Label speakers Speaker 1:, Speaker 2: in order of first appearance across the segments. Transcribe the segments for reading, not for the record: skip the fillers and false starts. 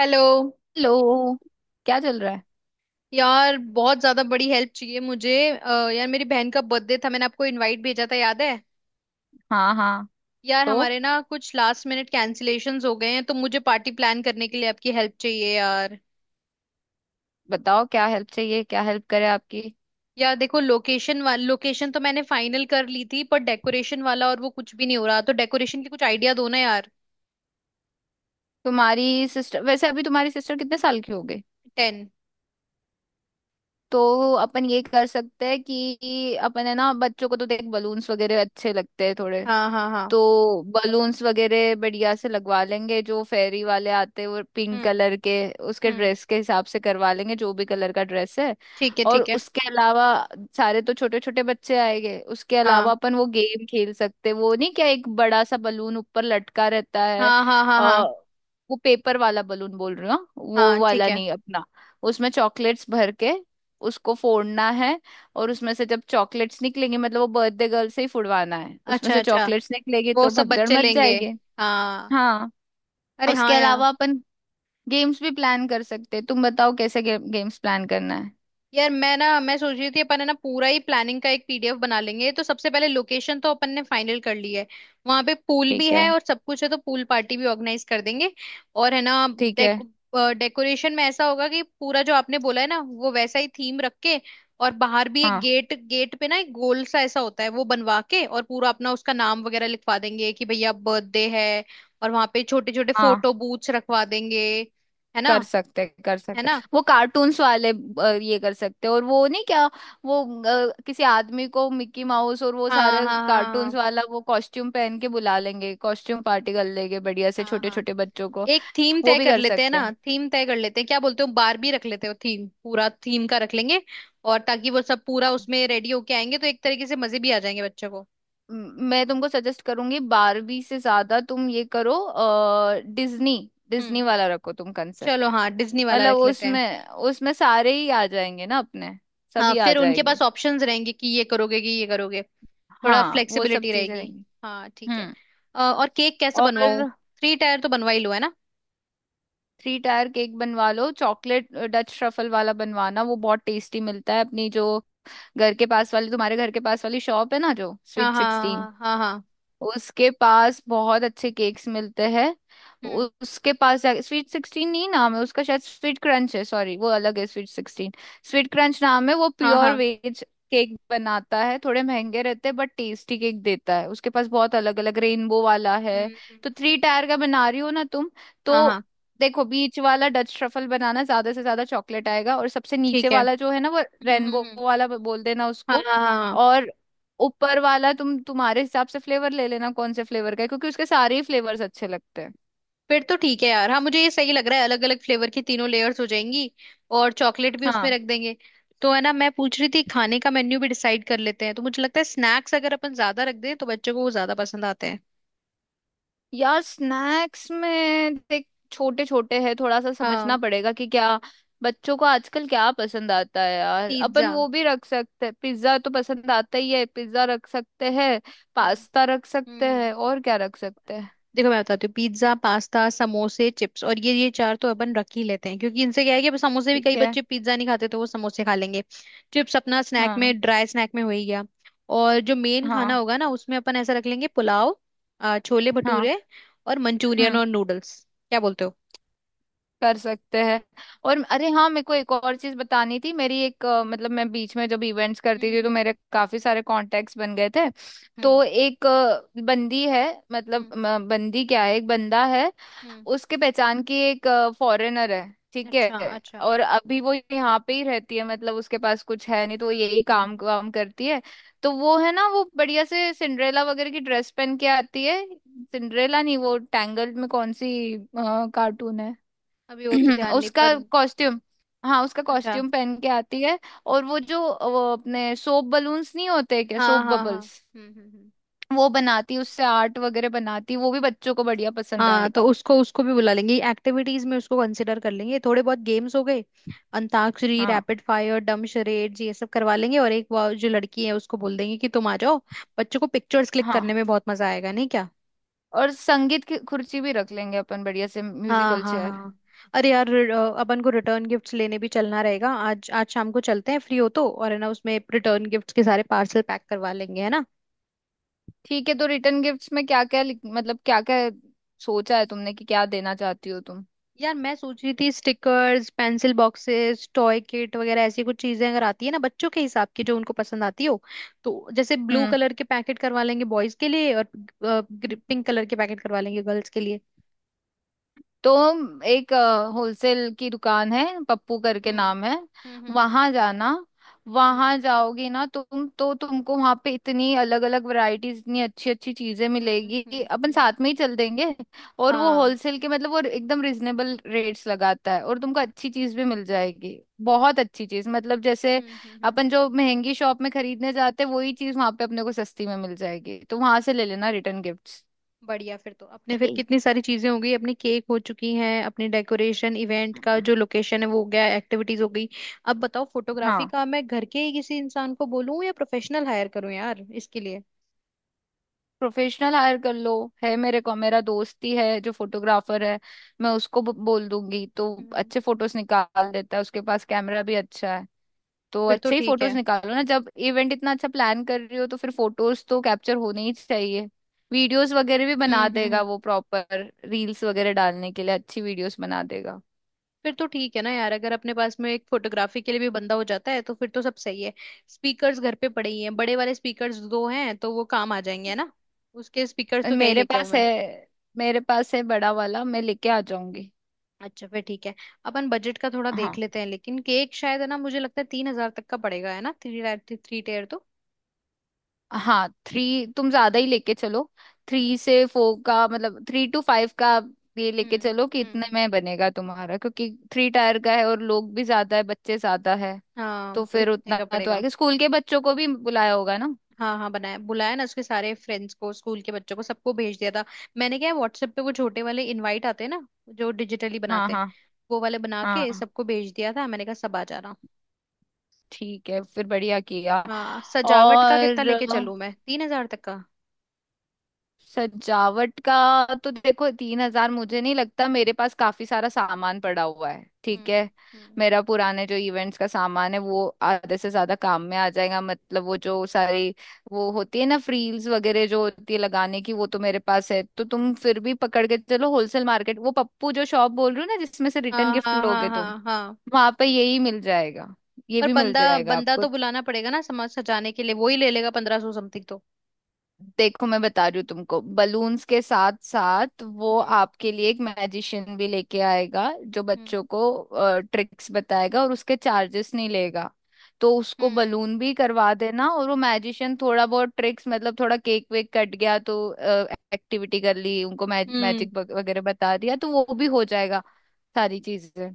Speaker 1: Hello
Speaker 2: hello. क्या चल रहा है?
Speaker 1: यार बहुत ज्यादा बड़ी हेल्प चाहिए मुझे यार मेरी बहन का बर्थडे था, मैंने आपको इनवाइट भेजा था याद है।
Speaker 2: हाँ हाँ।
Speaker 1: यार
Speaker 2: तो
Speaker 1: हमारे ना कुछ लास्ट मिनट कैंसिलेशंस हो गए हैं, तो मुझे पार्टी प्लान करने के लिए आपकी हेल्प चाहिए यार।
Speaker 2: बताओ क्या हेल्प चाहिए, क्या हेल्प करे आपकी।
Speaker 1: यार देखो, लोकेशन वाल लोकेशन तो मैंने फाइनल कर ली थी, पर डेकोरेशन वाला और वो कुछ भी नहीं हो रहा, तो डेकोरेशन की कुछ आइडिया दो ना यार।
Speaker 2: तुम्हारी सिस्टर वैसे, अभी तुम्हारी सिस्टर कितने साल की हो गई?
Speaker 1: 10।
Speaker 2: तो अपन ये कर सकते हैं कि अपन, है ना, बच्चों को तो देख बलून्स वगैरह अच्छे लगते हैं थोड़े।
Speaker 1: हाँ हाँ हाँ।
Speaker 2: तो बलून्स वगैरह बढ़िया से लगवा लेंगे। जो फेरी वाले आते हैं वो पिंक
Speaker 1: हम्म।
Speaker 2: कलर के, उसके
Speaker 1: हम्म।
Speaker 2: ड्रेस के हिसाब से करवा लेंगे जो भी कलर का ड्रेस है।
Speaker 1: ठीक है
Speaker 2: और
Speaker 1: ठीक है।
Speaker 2: उसके अलावा सारे तो छोटे छोटे बच्चे आएंगे। उसके अलावा
Speaker 1: हाँ
Speaker 2: अपन वो गेम खेल सकते हैं। वो नहीं क्या, एक बड़ा सा बलून ऊपर लटका रहता है?
Speaker 1: हाँ हाँ हाँ।
Speaker 2: आ,
Speaker 1: हाँ
Speaker 2: वो पेपर वाला बलून बोल रही हूँ, हाँ? वो
Speaker 1: हाँ। ठीक
Speaker 2: वाला
Speaker 1: है।
Speaker 2: नहीं अपना, उसमें चॉकलेट्स भर के उसको फोड़ना है। और उसमें से जब चॉकलेट्स निकलेंगे, मतलब वो बर्थडे गर्ल से ही फुड़वाना है, उसमें
Speaker 1: अच्छा
Speaker 2: से
Speaker 1: अच्छा।
Speaker 2: चॉकलेट्स निकलेगी
Speaker 1: वो
Speaker 2: तो
Speaker 1: सब
Speaker 2: भगदड़
Speaker 1: बच्चे
Speaker 2: मच
Speaker 1: लेंगे।
Speaker 2: जाएगी।
Speaker 1: हाँ।
Speaker 2: हाँ।
Speaker 1: अरे
Speaker 2: उसके
Speaker 1: हाँ यार।
Speaker 2: अलावा अपन गेम्स भी प्लान कर सकते हैं। तुम बताओ कैसे गेम्स प्लान करना है।
Speaker 1: यार मैं सोच रही थी, अपन है ना पूरा ही प्लानिंग का एक पीडीएफ बना लेंगे। तो सबसे पहले, लोकेशन तो अपन ने फाइनल कर ली है। वहां पे पूल भी
Speaker 2: ठीक
Speaker 1: है
Speaker 2: है,
Speaker 1: और सब कुछ है, तो पूल पार्टी भी ऑर्गेनाइज कर देंगे। और है ना,
Speaker 2: ठीक है।
Speaker 1: डेक डेकोरेशन में ऐसा होगा कि पूरा जो आपने बोला है ना वो वैसा ही थीम रख के। और बाहर भी एक
Speaker 2: हाँ
Speaker 1: गेट गेट पे ना एक गोल सा ऐसा होता है वो बनवा के, और पूरा अपना उसका नाम वगैरह लिखवा देंगे कि भैया बर्थडे है। और वहां पे छोटे छोटे
Speaker 2: हाँ।
Speaker 1: फोटो बूथ्स रखवा देंगे। है ना।
Speaker 2: कर
Speaker 1: है
Speaker 2: सकते
Speaker 1: ना।
Speaker 2: वो कार्टून्स वाले, ये कर सकते। और वो नहीं क्या? वो किसी आदमी को मिक्की माउस और वो
Speaker 1: हाँ
Speaker 2: सारे
Speaker 1: हाँ हाँ
Speaker 2: कार्टून्स
Speaker 1: हाँ
Speaker 2: वाला वो कॉस्ट्यूम पहन के बुला लेंगे। कॉस्ट्यूम पार्टी कर लेंगे बढ़िया से
Speaker 1: हाँ
Speaker 2: छोटे
Speaker 1: हाँ।
Speaker 2: छोटे बच्चों को।
Speaker 1: एक थीम
Speaker 2: वो
Speaker 1: तय
Speaker 2: भी
Speaker 1: कर
Speaker 2: कर
Speaker 1: लेते हैं
Speaker 2: सकते
Speaker 1: ना,
Speaker 2: हैं।
Speaker 1: थीम तय कर लेते हैं। क्या बोलते हो, बारबी रख लेते हो? थीम, पूरा थीम का रख लेंगे। और ताकि वो सब पूरा उसमें रेडी होके आएंगे, तो एक तरीके से मजे भी आ जाएंगे बच्चों को।
Speaker 2: मैं तुमको सजेस्ट करूंगी, बारबी से ज्यादा तुम ये करो, डिज्नी। डिज्नी
Speaker 1: हम्म।
Speaker 2: वाला रखो तुम
Speaker 1: चलो
Speaker 2: कंसेप्ट।
Speaker 1: हाँ, डिज्नी वाला
Speaker 2: मतलब
Speaker 1: रख लेते हैं।
Speaker 2: उसमें उसमें सारे ही आ जाएंगे ना अपने।
Speaker 1: हाँ
Speaker 2: सभी आ
Speaker 1: फिर उनके
Speaker 2: जाएंगे।
Speaker 1: पास ऑप्शंस रहेंगे कि ये करोगे कि ये करोगे। थोड़ा
Speaker 2: हाँ, वो सब
Speaker 1: फ्लेक्सिबिलिटी
Speaker 2: चीजें
Speaker 1: रहेगी।
Speaker 2: रहेंगी।
Speaker 1: हाँ ठीक है।
Speaker 2: हम्म।
Speaker 1: और केक कैसा बनवाऊं?
Speaker 2: और
Speaker 1: थ्री टायर तो बनवा ही लो है ना।
Speaker 2: थ्री टायर केक बनवा लो, चॉकलेट डच ट्रफल वाला बनवाना, वो बहुत टेस्टी मिलता है अपनी जो घर के पास वाली, तुम्हारे घर के पास वाली शॉप है ना, जो
Speaker 1: हाँ
Speaker 2: स्वीट
Speaker 1: हाँ
Speaker 2: सिक्सटीन।
Speaker 1: हाँ हाँ हाँ, हाँ।
Speaker 2: उसके पास बहुत अच्छे केक्स मिलते हैं।
Speaker 1: हम्म।
Speaker 2: उसके पास स्वीट सिक्सटीन नहीं, नाम है उसका शायद स्वीट क्रंच है, सॉरी वो अलग है स्वीट सिक्सटीन। स्वीट क्रंच नाम है। वो
Speaker 1: हाँ
Speaker 2: प्योर
Speaker 1: हाँ।
Speaker 2: वेज केक बनाता है, थोड़े महंगे रहते हैं बट टेस्टी केक देता है। उसके पास बहुत अलग अलग, रेनबो वाला है।
Speaker 1: हम्म।
Speaker 2: तो थ्री टायर का बना रही हो ना तुम?
Speaker 1: हाँ
Speaker 2: तो
Speaker 1: हाँ।
Speaker 2: देखो बीच वाला डच ट्रफल बनाना, ज्यादा से ज्यादा चॉकलेट आएगा। और सबसे नीचे
Speaker 1: ठीक है।
Speaker 2: वाला जो है ना, वो रेनबो
Speaker 1: हम्म।
Speaker 2: वाला बोल देना
Speaker 1: हाँ
Speaker 2: उसको।
Speaker 1: हाँ हाँ हाँ।
Speaker 2: और ऊपर वाला तुम तुम्हारे हिसाब से फ्लेवर ले लेना, कौन से फ्लेवर का है क्योंकि उसके सारे ही फ्लेवर्स अच्छे लगते हैं।
Speaker 1: फिर तो ठीक है यार। हाँ मुझे ये सही लग रहा है, अलग अलग फ्लेवर की तीनों लेयर्स हो जाएंगी। और चॉकलेट भी उसमें
Speaker 2: हाँ
Speaker 1: रख देंगे। तो है ना, मैं पूछ रही थी, खाने का मेन्यू भी डिसाइड कर लेते हैं। तो मुझे लगता है स्नैक्स अगर अपन ज्यादा रख दें तो बच्चों को वो ज्यादा पसंद आते हैं।
Speaker 2: यार, स्नैक्स में देख, छोटे छोटे हैं, थोड़ा सा समझना
Speaker 1: हाँ।
Speaker 2: पड़ेगा कि क्या बच्चों को आजकल क्या पसंद आता है यार। अपन
Speaker 1: पिज्जा।
Speaker 2: वो भी रख सकते हैं, पिज्जा तो पसंद आता ही है, पिज्जा रख सकते हैं,
Speaker 1: हम्म।
Speaker 2: पास्ता रख सकते
Speaker 1: हम्म।
Speaker 2: हैं, और क्या रख सकते हैं?
Speaker 1: देखो मैं बताती हूँ, पिज्जा, पास्ता, समोसे, चिप्स, और ये चार तो अपन रख ही लेते हैं, क्योंकि इनसे क्या है कि अब समोसे भी,
Speaker 2: ठीक
Speaker 1: कई
Speaker 2: है।
Speaker 1: बच्चे पिज्जा नहीं खाते तो वो समोसे खा लेंगे। चिप्स अपना स्नैक
Speaker 2: हाँ
Speaker 1: में, ड्राई स्नैक में हो ही गया। और जो मेन खाना
Speaker 2: हाँ
Speaker 1: होगा ना, उसमें अपन ऐसा रख लेंगे, पुलाव, छोले
Speaker 2: हाँ।
Speaker 1: भटूरे, और मंचूरियन
Speaker 2: हम्म।
Speaker 1: और नूडल्स। क्या बोलते हो?
Speaker 2: कर सकते हैं। और अरे हाँ, मेरे को एक और चीज बतानी थी। मेरी एक मतलब मैं बीच में जब इवेंट्स करती
Speaker 1: हम्म
Speaker 2: थी तो मेरे
Speaker 1: हम्म
Speaker 2: काफी सारे कॉन्टेक्ट्स बन गए थे।
Speaker 1: हम्म
Speaker 2: तो एक बंदी है,
Speaker 1: हम्म
Speaker 2: मतलब
Speaker 1: हम्म
Speaker 2: बंदी क्या है, एक बंदा है।
Speaker 1: हम्म।
Speaker 2: उसके पहचान की एक फॉरेनर है, ठीक
Speaker 1: अच्छा
Speaker 2: है।
Speaker 1: अच्छा।
Speaker 2: और अभी वो यहाँ पे ही रहती है, मतलब उसके पास कुछ है नहीं तो वो यही
Speaker 1: हम्म
Speaker 2: काम
Speaker 1: हम्म।
Speaker 2: काम करती है। तो वो है ना, वो बढ़िया से सिंड्रेला वगैरह की ड्रेस पहन के आती है। सिंड्रेला नहीं, वो टैंगल्ड में कौन सी कार्टून है।
Speaker 1: अभी वो तो ध्यान नहीं
Speaker 2: उसका
Speaker 1: पर।
Speaker 2: कॉस्ट्यूम। हाँ, उसका
Speaker 1: अच्छा।
Speaker 2: कॉस्ट्यूम पहन के आती है। और वो जो, वो अपने सोप बलून्स नहीं होते क्या,
Speaker 1: हाँ
Speaker 2: सोप
Speaker 1: हाँ हाँ।
Speaker 2: बबल्स,
Speaker 1: हम्म।
Speaker 2: वो बनाती उससे आर्ट वगैरह बनाती, वो भी बच्चों को बढ़िया पसंद
Speaker 1: हाँ तो
Speaker 2: आएगा।
Speaker 1: उसको उसको भी बुला लेंगे, एक्टिविटीज में उसको कंसिडर कर लेंगे। थोड़े बहुत गेम्स हो गए। अंताक्षरी,
Speaker 2: हाँ
Speaker 1: रैपिड फायर, डम शरेड्स, ये सब करवा लेंगे। और एक वो जो लड़की है उसको बोल देंगे कि तुम आ जाओ। बच्चों को पिक्चर्स क्लिक
Speaker 2: हाँ।
Speaker 1: करने में बहुत मजा आएगा, नहीं क्या?
Speaker 2: और संगीत की कुर्सी भी रख लेंगे अपन बढ़िया से,
Speaker 1: हाँ
Speaker 2: म्यूजिकल
Speaker 1: हाँ
Speaker 2: चेयर।
Speaker 1: हाँ। अरे यार अपन को रिटर्न गिफ्ट्स लेने भी चलना रहेगा। आज आज शाम को चलते हैं, फ्री हो तो। और है ना, उसमें रिटर्न गिफ्ट्स के सारे पार्सल पैक करवा लेंगे, है ना।
Speaker 2: ठीक है। तो रिटर्न गिफ्ट्स में क्या क्या, मतलब क्या क्या सोचा है तुमने कि क्या देना चाहती हो तुम?
Speaker 1: यार मैं सोच रही थी, stickers, pencil boxes, toy kit वगैरह, ऐसी कुछ चीजें अगर आती है ना, बच्चों के हिसाब की जो उनको पसंद आती हो। तो जैसे ब्लू
Speaker 2: हम्म।
Speaker 1: कलर के पैकेट करवा लेंगे बॉयज के लिए, और पिंक कलर के पैकेट करवा लेंगे गर्ल्स के लिए।
Speaker 2: तो एक होलसेल की दुकान है, पप्पू करके
Speaker 1: हम्म
Speaker 2: नाम है।
Speaker 1: हम्म हम्म
Speaker 2: वहां जाना,
Speaker 1: हम्म
Speaker 2: वहां जाओगी ना तुम तो तुमको वहां पे इतनी अलग अलग वैरायटीज, इतनी अच्छी अच्छी चीजें मिलेगी। अपन
Speaker 1: हम्म।
Speaker 2: साथ में ही चल देंगे। और वो
Speaker 1: हाँ।
Speaker 2: होलसेल के, मतलब वो एकदम रिजनेबल रेट्स लगाता है, और तुमको अच्छी चीज भी मिल जाएगी। बहुत अच्छी चीज, मतलब जैसे
Speaker 1: हम्म।
Speaker 2: अपन जो महंगी शॉप में खरीदने जाते हैं वही चीज वहां पे अपने को सस्ती में मिल जाएगी। तो वहां से ले लेना रिटर्न गिफ्ट्स।
Speaker 1: बढ़िया फिर तो अपने, फिर
Speaker 2: ठीक।
Speaker 1: कितनी सारी चीजें हो गई अपनी। केक हो चुकी हैं, अपनी डेकोरेशन, इवेंट का जो लोकेशन है वो हो गया, एक्टिविटीज हो गई। अब बताओ, फोटोग्राफी
Speaker 2: हाँ,
Speaker 1: का मैं घर के ही किसी इंसान को बोलूं या प्रोफेशनल हायर करूं यार इसके लिए?
Speaker 2: प्रोफेशनल हायर कर लो। है मेरे को, मेरा दोस्त ही है जो फोटोग्राफर है। मैं उसको बोल दूंगी, तो
Speaker 1: हम्म।
Speaker 2: अच्छे फोटोज निकाल देता है। उसके पास कैमरा भी अच्छा है। तो
Speaker 1: फिर तो
Speaker 2: अच्छे ही
Speaker 1: ठीक
Speaker 2: फोटोज
Speaker 1: है।
Speaker 2: निकालो ना, जब इवेंट इतना अच्छा प्लान कर रही हो तो फिर फोटोज तो कैप्चर होने ही चाहिए। वीडियोस वगैरह भी बना देगा
Speaker 1: हम्म।
Speaker 2: वो, प्रॉपर रील्स वगैरह डालने के लिए अच्छी वीडियोस बना देगा।
Speaker 1: फिर तो ठीक है ना यार, अगर अपने पास में एक फोटोग्राफी के लिए भी बंदा हो जाता है तो फिर तो सब सही है। स्पीकर्स घर पे पड़े ही हैं, बड़े वाले स्पीकर्स दो हैं, तो वो काम आ जाएंगे है ना। उसके स्पीकर्स
Speaker 2: और
Speaker 1: तो क्या ही
Speaker 2: मेरे
Speaker 1: लेके आऊं
Speaker 2: पास है
Speaker 1: मैं।
Speaker 2: मेरे पास है बड़ा वाला, मैं लेके आ जाऊंगी।
Speaker 1: अच्छा फिर ठीक है। अपन बजट का थोड़ा देख
Speaker 2: हाँ
Speaker 1: लेते हैं। लेकिन केक शायद है ना, मुझे लगता है 3,000 तक का पड़ेगा, है ना, थ्री टायर, थ्री टेयर तो।
Speaker 2: हाँ। थ्री तुम ज्यादा ही लेके चलो। थ्री से फोर का, मतलब थ्री टू फाइव का आप ये लेके
Speaker 1: हम्म
Speaker 2: चलो कि इतने
Speaker 1: हम्म।
Speaker 2: में बनेगा तुम्हारा, क्योंकि थ्री टायर का है और लोग भी ज्यादा है, बच्चे ज्यादा है।
Speaker 1: हाँ
Speaker 2: तो
Speaker 1: तो
Speaker 2: फिर
Speaker 1: इतने
Speaker 2: उतना
Speaker 1: का
Speaker 2: तो
Speaker 1: पड़ेगा।
Speaker 2: आएगा। स्कूल के बच्चों को भी बुलाया होगा ना?
Speaker 1: हाँ हाँ, बनाया बुलाया ना, उसके सारे फ्रेंड्स को, स्कूल के बच्चों को सबको भेज दिया था। मैंने क्या है, व्हाट्सएप पे वो छोटे वाले इनवाइट आते हैं ना, जो डिजिटली
Speaker 2: हाँ
Speaker 1: बनाते हैं,
Speaker 2: हाँ
Speaker 1: वो वाले बना के
Speaker 2: हाँ।
Speaker 1: सबको भेज दिया था। मैंने कहा सब आ जाना।
Speaker 2: ठीक है, फिर बढ़िया किया।
Speaker 1: हाँ। सजावट का कितना
Speaker 2: और
Speaker 1: लेके चलूं मैं, 3,000 तक का?
Speaker 2: सजावट का तो देखो, 3000 मुझे नहीं लगता, मेरे पास काफी सारा सामान पड़ा हुआ है, ठीक है।
Speaker 1: हम्म।
Speaker 2: मेरा पुराने जो इवेंट्स का सामान है वो आधे से ज्यादा काम में आ जाएगा। मतलब वो जो सारी, वो होती है ना फ्रील्स वगैरह जो होती है लगाने की, वो तो मेरे पास है। तो तुम फिर भी पकड़ के चलो होलसेल मार्केट, वो पप्पू जो शॉप बोल रही हो ना जिसमें से रिटर्न
Speaker 1: हाँ
Speaker 2: गिफ्ट
Speaker 1: हाँ हाँ
Speaker 2: लोगे तुम,
Speaker 1: हाँ हाँ।
Speaker 2: वहां पे यही मिल जाएगा। ये
Speaker 1: पर
Speaker 2: भी मिल
Speaker 1: बंदा
Speaker 2: जाएगा
Speaker 1: बंदा
Speaker 2: आपको।
Speaker 1: तो बुलाना पड़ेगा ना समाज सजाने के लिए, वो ही ले लेगा 1,500 समथिंग तो।
Speaker 2: देखो मैं बता रही हूँ तुमको, बलून्स के साथ साथ वो
Speaker 1: हम्म
Speaker 2: आपके लिए एक मैजिशियन भी लेके आएगा, जो
Speaker 1: हम्म
Speaker 2: बच्चों को ट्रिक्स बताएगा और उसके चार्जेस नहीं लेगा। तो उसको
Speaker 1: हम्म
Speaker 2: बलून भी करवा देना, और वो मैजिशियन थोड़ा बहुत ट्रिक्स, मतलब थोड़ा केक वेक कट गया तो एक्टिविटी कर ली, उनको
Speaker 1: हम्म।
Speaker 2: मैजिक वगैरह बता दिया तो वो भी हो जाएगा, सारी चीजें।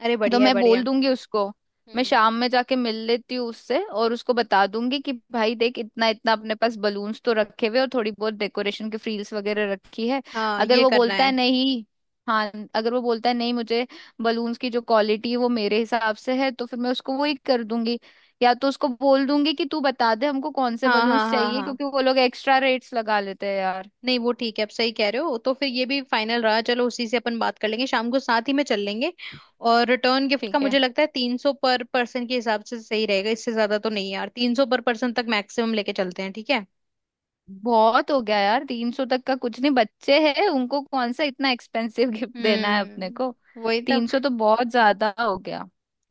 Speaker 1: अरे
Speaker 2: तो
Speaker 1: बढ़िया है
Speaker 2: मैं
Speaker 1: बढ़िया
Speaker 2: बोल
Speaker 1: है।
Speaker 2: दूंगी उसको। मैं
Speaker 1: हम्म।
Speaker 2: शाम में जाके मिल लेती हूँ उससे और उसको बता दूंगी कि भाई देख, इतना इतना अपने पास बलून्स तो रखे हुए, और थोड़ी बहुत डेकोरेशन की फ्रील्स वगैरह रखी है।
Speaker 1: हाँ
Speaker 2: अगर
Speaker 1: ये
Speaker 2: वो
Speaker 1: करना
Speaker 2: बोलता है
Speaker 1: है।
Speaker 2: नहीं, हाँ अगर वो बोलता है नहीं मुझे, बलून्स की जो क्वालिटी है वो मेरे हिसाब से है, तो फिर मैं उसको वही कर दूंगी। या तो उसको बोल दूंगी कि तू बता दे हमको कौन से
Speaker 1: हाँ हाँ
Speaker 2: बलून्स
Speaker 1: हाँ
Speaker 2: चाहिए,
Speaker 1: हाँ।
Speaker 2: क्योंकि वो लोग एक्स्ट्रा रेट्स लगा लेते हैं यार।
Speaker 1: नहीं वो ठीक है, आप सही कह रहे हो। तो फिर ये भी फाइनल रहा, चलो उसी से अपन बात कर लेंगे शाम को, साथ ही में चल लेंगे। और रिटर्न गिफ्ट का
Speaker 2: ठीक है।
Speaker 1: मुझे लगता है 300 पर पर्सन के हिसाब से सही रहेगा। इससे ज्यादा तो नहीं यार, 300 पर पर्सन तक मैक्सिमम लेके चलते हैं, ठीक है।
Speaker 2: बहुत हो गया यार, 300 तक का कुछ नहीं, बच्चे हैं उनको कौन सा इतना एक्सपेंसिव गिफ्ट देना है अपने
Speaker 1: हम्म।
Speaker 2: को।
Speaker 1: वही तो।
Speaker 2: 300 तो बहुत ज्यादा हो गया।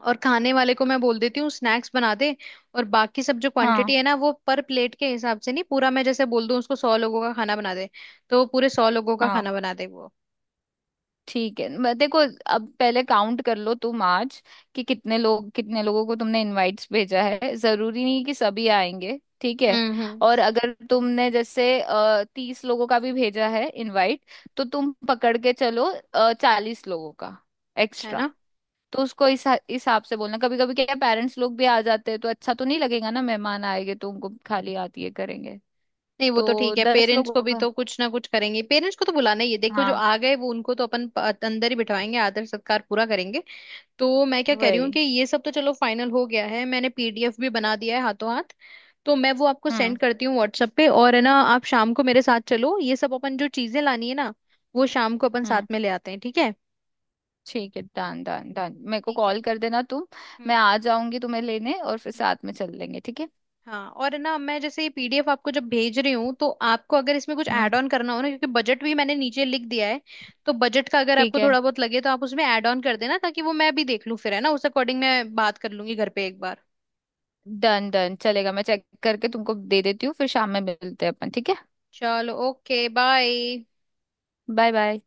Speaker 1: और खाने वाले को मैं बोल देती हूँ स्नैक्स बना दे। और बाकी सब जो
Speaker 2: हाँ
Speaker 1: क्वांटिटी है ना, वो पर प्लेट के हिसाब से नहीं, पूरा मैं जैसे बोल दूँ उसको, 100 लोगों का खाना बना दे, तो वो पूरे 100 लोगों का खाना
Speaker 2: हाँ।
Speaker 1: बना दे वो।
Speaker 2: ठीक है, देखो। अब पहले काउंट कर लो तुम आज कि कितने लोग, कितने लोगों को तुमने इनवाइट्स भेजा है। जरूरी नहीं कि सभी आएंगे, ठीक है।
Speaker 1: हम्म।
Speaker 2: और अगर तुमने जैसे 30 लोगों का भी भेजा है इनवाइट, तो तुम पकड़ के चलो 40 लोगों का
Speaker 1: है
Speaker 2: एक्स्ट्रा।
Speaker 1: ना।
Speaker 2: तो उसको इस हिसाब से बोलना, कभी कभी क्या पेरेंट्स लोग भी आ जाते हैं तो अच्छा तो नहीं लगेगा ना, मेहमान आएंगे तो उनको खाली हाथ ये करेंगे।
Speaker 1: नहीं वो तो
Speaker 2: तो
Speaker 1: ठीक है,
Speaker 2: 10 लोग
Speaker 1: पेरेंट्स को भी
Speaker 2: होगा।
Speaker 1: तो कुछ ना कुछ करेंगे, पेरेंट्स को तो बुलाना ही है। देखो जो
Speaker 2: हाँ
Speaker 1: आ गए वो उनको तो अपन अंदर ही बिठाएंगे, आदर सत्कार पूरा करेंगे। तो मैं क्या कह रही हूँ कि
Speaker 2: वही।
Speaker 1: ये सब तो चलो फाइनल हो गया है, मैंने पीडीएफ भी बना दिया है हाथों हाथ। तो मैं वो आपको सेंड
Speaker 2: हम्म
Speaker 1: करती हूँ व्हाट्सएप पे। और है ना, आप शाम को मेरे साथ चलो, ये सब अपन जो चीजें लानी है ना, वो शाम को अपन
Speaker 2: हम्म।
Speaker 1: साथ में ले आते हैं, ठीक है।
Speaker 2: ठीक है, डन डन डन, मेरे को
Speaker 1: ठीक है।
Speaker 2: कॉल कर देना तुम। मैं
Speaker 1: हम्म
Speaker 2: आ जाऊंगी तुम्हें लेने और फिर
Speaker 1: हम्म।
Speaker 2: साथ में चल लेंगे, ठीक है।
Speaker 1: हाँ और है ना, मैं जैसे ये पीडीएफ आपको जब भेज रही हूँ, तो आपको अगर इसमें कुछ
Speaker 2: हम्म।
Speaker 1: ऐड ऑन करना हो ना, क्योंकि बजट भी मैंने नीचे लिख दिया है। तो बजट का अगर
Speaker 2: ठीक
Speaker 1: आपको
Speaker 2: है,
Speaker 1: थोड़ा बहुत लगे, तो आप उसमें ऐड ऑन कर देना, ताकि वो मैं भी देख लूँ फिर, है ना, उस अकॉर्डिंग मैं बात कर लूंगी घर पे एक बार।
Speaker 2: डन डन चलेगा, मैं चेक करके तुमको दे देती हूँ, फिर शाम में मिलते हैं अपन, ठीक है।
Speaker 1: चलो ओके, बाय।
Speaker 2: Bye bye.